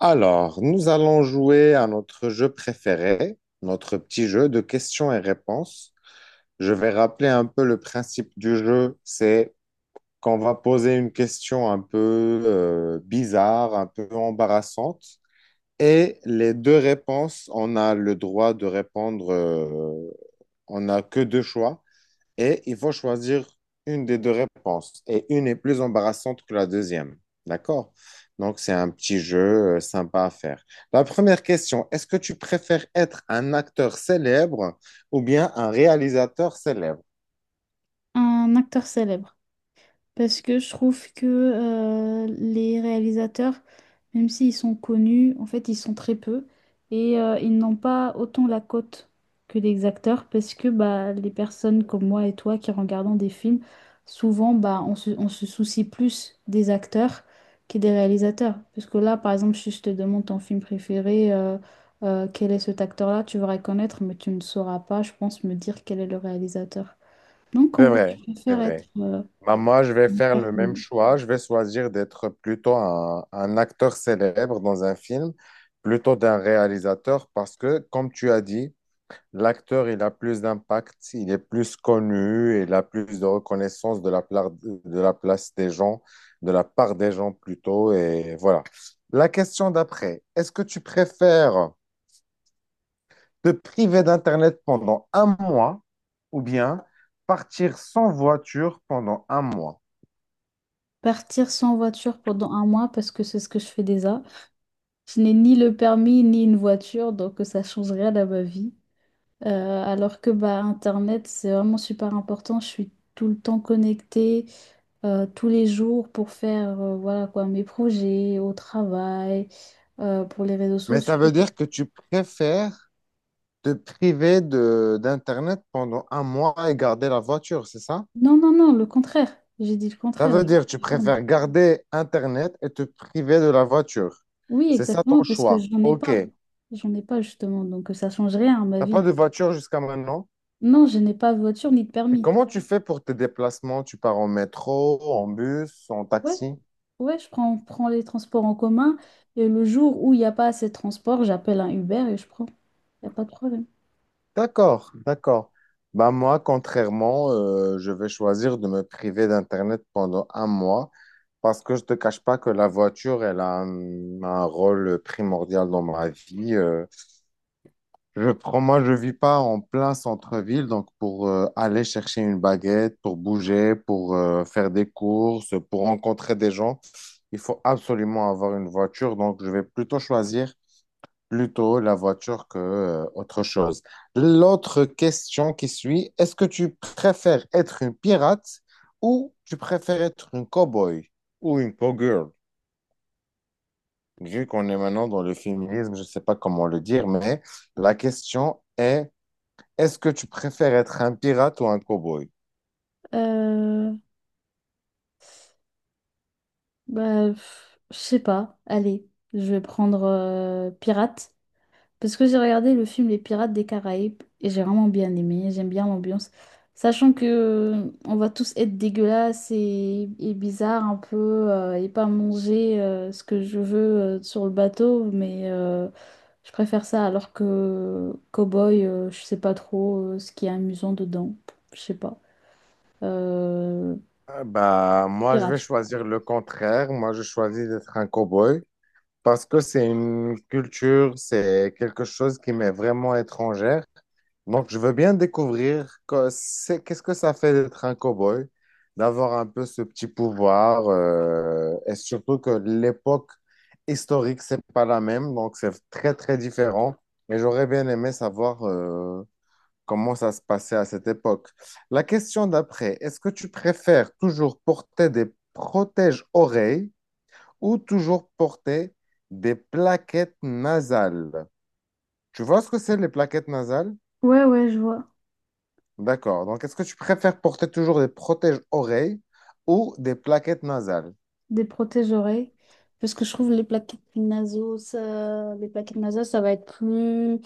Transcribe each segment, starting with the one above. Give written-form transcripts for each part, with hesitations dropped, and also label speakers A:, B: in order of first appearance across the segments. A: Alors, nous allons jouer à notre jeu préféré, notre petit jeu de questions et réponses. Je vais rappeler un peu le principe du jeu. C'est qu'on va poser une question un peu bizarre, un peu embarrassante. Et les deux réponses, on a le droit de répondre, on n'a que deux choix et il faut choisir une des deux réponses. Et une est plus embarrassante que la deuxième. D'accord? Donc, c'est un petit jeu sympa à faire. La première question, est-ce que tu préfères être un acteur célèbre ou bien un réalisateur célèbre?
B: Un acteur célèbre. Parce que je trouve que les réalisateurs, même s'ils sont connus, en fait, ils sont très peu. Et ils n'ont pas autant la cote que les acteurs. Parce que bah, les personnes comme moi et toi qui regardons des films, souvent, bah, on se soucie plus des acteurs que des réalisateurs. Parce que là, par exemple, si je te demande ton film préféré, quel est cet acteur-là, tu vas reconnaître, mais tu ne sauras pas, je pense, me dire quel est le réalisateur. Donc, en
A: C'est
B: gros, tu
A: vrai, c'est
B: préfères être
A: vrai. Bah, moi, je vais faire le même
B: performant.
A: choix. Je vais choisir d'être plutôt un acteur célèbre dans un film plutôt d'un réalisateur parce que, comme tu as dit, l'acteur, il a plus d'impact, il est plus connu, il a plus de reconnaissance de de la place des gens, de la part des gens plutôt, et voilà. La question d'après, est-ce que tu préfères te priver d'Internet pendant un mois ou bien partir sans voiture pendant un mois?
B: Partir sans voiture pendant un mois parce que c'est ce que je fais déjà. Je n'ai ni le permis ni une voiture, donc ça ne change rien à ma vie. Alors que bah, Internet, c'est vraiment super important. Je suis tout le temps connectée, tous les jours pour faire voilà quoi, mes projets au travail, pour les réseaux
A: Mais ça
B: sociaux.
A: veut dire que tu préfères te priver de d'Internet pendant un mois et garder la voiture, c'est ça?
B: Non, non, non, le contraire. J'ai dit le
A: Ça
B: contraire.
A: veut dire que tu préfères garder Internet et te priver de la voiture.
B: Oui,
A: C'est ça ton
B: exactement, parce que
A: choix.
B: j'en ai
A: OK.
B: pas.
A: Tu
B: J'en ai pas, justement, donc ça change rien à ma
A: n'as
B: vie.
A: pas de voiture jusqu'à maintenant.
B: Non, je n'ai pas de voiture ni de
A: Et
B: permis.
A: comment tu fais pour tes déplacements? Tu pars en métro, en bus, en
B: Ouais,
A: taxi?
B: ouais, prends les transports en commun et le jour où il n'y a pas assez de transport, j'appelle un Uber et je prends. Il n'y a pas de problème.
A: D'accord, d'accord. Bah moi, contrairement, je vais choisir de me priver d'Internet pendant un mois parce que je ne te cache pas que la voiture, elle a un rôle primordial dans ma vie. Moi, je vis pas en plein centre-ville, donc pour aller chercher une baguette, pour bouger, pour faire des courses, pour rencontrer des gens, il faut absolument avoir une voiture. Donc, je vais plutôt choisir plutôt la voiture que autre chose. L'autre question qui suit, est-ce que tu préfères être une pirate ou tu préfères être une cowboy ou une cowgirl? Vu qu'on est maintenant dans le féminisme, je sais pas comment le dire, mais la question est est-ce que tu préfères être un pirate ou un cowboy?
B: Euh, bah, pff, je sais pas. Allez, je vais prendre Pirate. Parce que j'ai regardé le film Les Pirates des Caraïbes et j'ai vraiment bien aimé, j'aime bien l'ambiance. Sachant que on va tous être dégueulasses et bizarres un peu et pas manger ce que je veux sur le bateau, mais je préfère ça alors que Cowboy, je sais pas trop ce qui est amusant dedans, je sais pas. Euh,
A: Ah, bah, moi, je vais
B: Pirate.
A: choisir le contraire. Moi, je choisis d'être un cow-boy parce que c'est une culture, c'est quelque chose qui m'est vraiment étrangère. Donc, je veux bien découvrir qu'est-ce que ça fait d'être un cow-boy, d'avoir un peu ce petit pouvoir, et surtout que l'époque historique, c'est pas la même, donc c'est très, très différent. Et j'aurais bien aimé savoir, comment ça se passait à cette époque. La question d'après, est-ce que tu préfères toujours porter des protèges-oreilles ou toujours porter des plaquettes nasales? Tu vois ce que c'est les plaquettes nasales?
B: Ouais, ouais, je vois.
A: D'accord. Donc, est-ce que tu préfères porter toujours des protèges-oreilles ou des plaquettes nasales?
B: Des protège-oreilles. Parce que je trouve les plaquettes nasaux, ça... les plaquettes nasales, ça va être plus.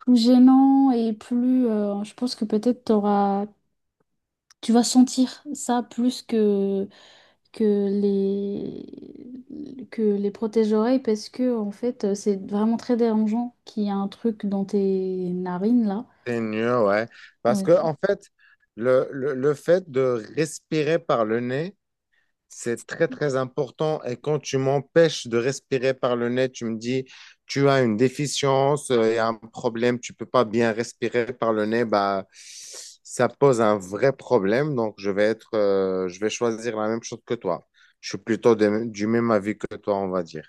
B: Plus gênant et plus je pense que peut-être t'auras tu vas sentir ça plus que les protège-oreilles parce que en fait c'est vraiment très dérangeant qu'il y a un truc dans tes narines là.
A: C'est mieux, ouais. Parce
B: Ouais.
A: que, en fait, le fait de respirer par le nez, c'est très, très important. Et quand tu m'empêches de respirer par le nez, tu me dis, tu as une déficience, il y a un problème, tu peux pas bien respirer par le nez, bah, ça pose un vrai problème. Donc, je vais être, je vais choisir la même chose que toi. Je suis plutôt du même avis que toi, on va dire.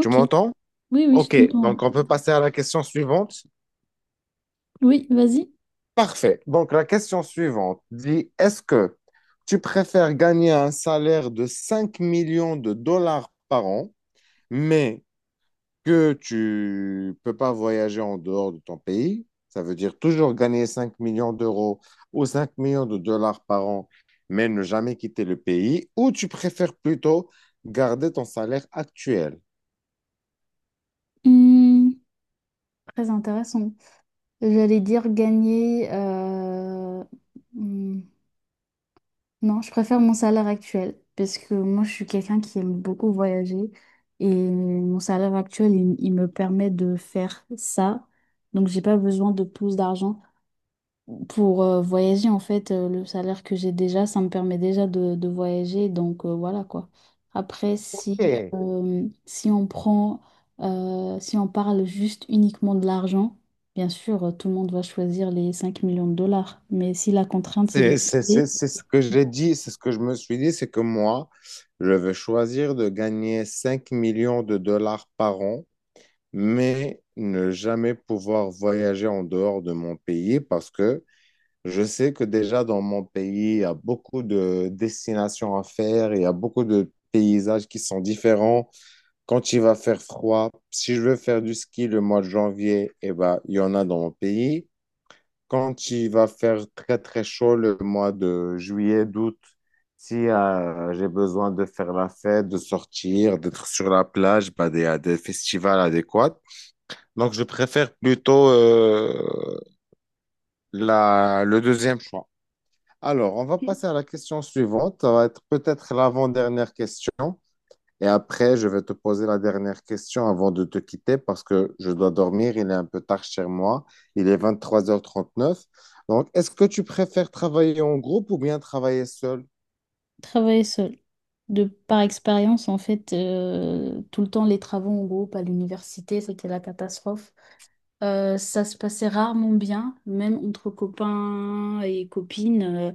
A: Tu m'entends?
B: oui, oui, je
A: OK. Oui.
B: t'entends.
A: Donc, on peut passer à la question suivante.
B: Oui, vas-y.
A: Parfait. Donc, la question suivante dit, est-ce que tu préfères gagner un salaire de 5 millions de dollars par an, mais que tu peux pas voyager en dehors de ton pays? Ça veut dire toujours gagner 5 millions d'euros ou 5 millions de dollars par an, mais ne jamais quitter le pays, ou tu préfères plutôt garder ton salaire actuel?
B: Hum, très intéressant. J'allais dire gagner hum, non, je préfère mon salaire actuel parce que moi, je suis quelqu'un qui aime beaucoup voyager et mon salaire actuel, il me permet de faire ça. Donc, j'ai pas besoin de plus d'argent pour voyager. En fait, le salaire que j'ai déjà, ça me permet déjà de voyager. Donc, voilà quoi. Après,
A: Ok.
B: si on prend, si on parle juste uniquement de l'argent, bien sûr, tout le monde va choisir les 5 millions de dollars. Mais si la contrainte, c'est de
A: C'est c'est- c'est-
B: rester.
A: c'est ce que j'ai dit, c'est ce que je me suis dit, c'est que moi, je vais choisir de gagner 5 millions de dollars par an, mais ne jamais pouvoir voyager en dehors de mon pays parce que je sais que déjà dans mon pays, il y a beaucoup de destinations à faire, il y a beaucoup de paysages qui sont différents. Quand il va faire froid, si je veux faire du ski le mois de janvier, eh ben, il y en a dans mon pays. Quand il va faire très très chaud le mois de juillet, d'août, si j'ai besoin de faire la fête, de sortir, d'être sur la plage, bah, il y a des festivals adéquats. Donc je préfère plutôt la, le deuxième choix. Alors, on va passer à la question suivante. Ça va être peut-être l'avant-dernière question. Et après, je vais te poser la dernière question avant de te quitter parce que je dois dormir. Il est un peu tard chez moi. Il est 23h39. Donc, est-ce que tu préfères travailler en groupe ou bien travailler seul?
B: Travailler seul. De par expérience, en fait, tout le temps les travaux en groupe à l'université, c'était la catastrophe. Ça se passait rarement bien, même entre copains et copines,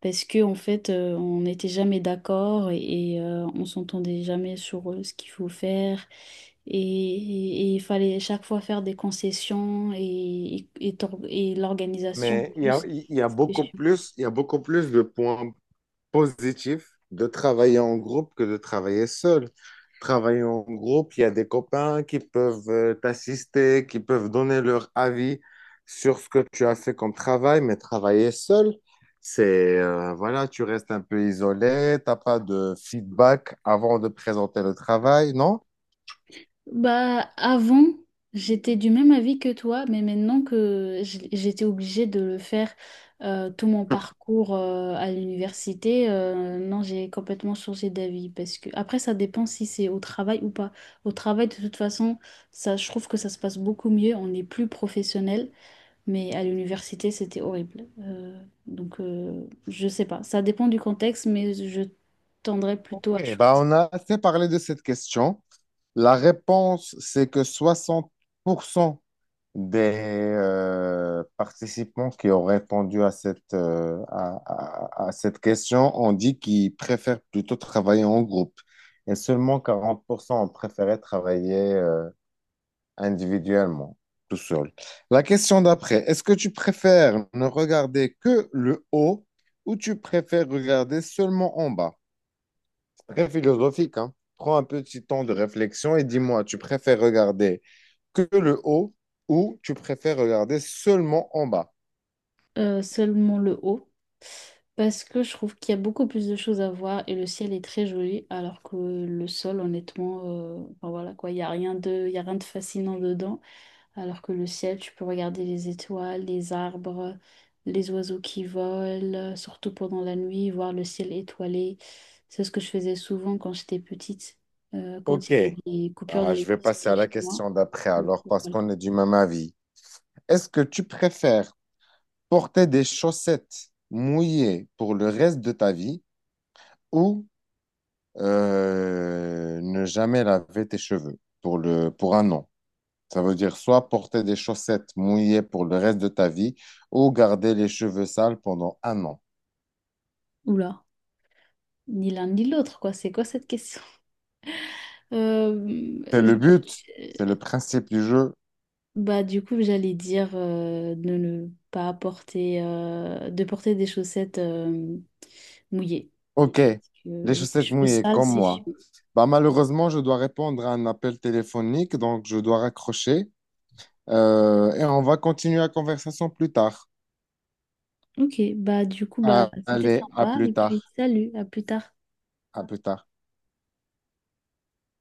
B: parce que en fait, on n'était jamais d'accord on s'entendait jamais sur ce qu'il faut faire. Et il fallait chaque fois faire des concessions et l'organisation en
A: Mais
B: plus.
A: il y a beaucoup plus de points positif de travailler en groupe que de travailler seul. Travailler en groupe, il y a des copains qui peuvent t'assister, qui peuvent donner leur avis sur ce que tu as fait comme travail, mais travailler seul, c'est, voilà, tu restes un peu isolé, t'as pas de feedback avant de présenter le travail, non?
B: Bah, avant, j'étais du même avis que toi, mais maintenant que j'étais obligée de le faire tout mon parcours à l'université, non, j'ai complètement changé d'avis parce que après, ça dépend si c'est au travail ou pas. Au travail, de toute façon, ça, je trouve que ça se passe beaucoup mieux, on est plus professionnel, mais à l'université, c'était horrible. Donc, je sais pas, ça dépend du contexte, mais je tendrais plutôt à
A: Ok, bah
B: choisir.
A: on a assez parlé de cette question. La réponse, c'est que 60 % des participants qui ont répondu à cette, à cette question ont dit qu'ils préfèrent plutôt travailler en groupe et seulement 40 % ont préféré travailler individuellement, tout seul. La question d'après, est-ce que tu préfères ne regarder que le haut ou tu préfères regarder seulement en bas? Très philosophique, hein. Prends un petit temps de réflexion et dis-moi, tu préfères regarder que le haut ou tu préfères regarder seulement en bas?
B: Euh, seulement le haut, parce que je trouve qu'il y a beaucoup plus de choses à voir et le ciel est très joli, alors que le sol, honnêtement, enfin voilà quoi, il y a rien de fascinant dedans, alors que le ciel, tu peux regarder les étoiles, les arbres, les oiseaux qui volent, surtout pendant la nuit, voir le ciel étoilé. C'est ce que je faisais souvent quand j'étais petite, quand
A: Ok.
B: il y avait des coupures
A: Bah, je vais passer
B: d'électricité
A: à la
B: chez moi.
A: question d'après
B: Donc,
A: alors parce
B: voilà.
A: qu'on est du même avis. Est-ce que tu préfères porter des chaussettes mouillées pour le reste de ta vie ou ne jamais laver tes cheveux pour le, pour un an? Ça veut dire soit porter des chaussettes mouillées pour le reste de ta vie ou garder les cheveux sales pendant un an.
B: Oula, ni l'un ni l'autre, quoi. C'est quoi cette question? Euh,
A: C'est le but, c'est le
B: j'ai-
A: principe du jeu.
B: bah, du coup, j'allais dire de ne pas porter, de porter des chaussettes mouillées.
A: Ok,
B: Parce
A: les
B: que les
A: chaussettes
B: cheveux
A: mouillées
B: sales,
A: comme
B: c'est
A: moi.
B: chiant.
A: Bah, malheureusement, je dois répondre à un appel téléphonique, donc je dois raccrocher. Et on va continuer la conversation plus tard.
B: Ok, bah du coup, bah,
A: Ah,
B: c'était
A: allez, à
B: sympa. Et
A: plus
B: puis,
A: tard.
B: salut, à plus tard.
A: À plus tard.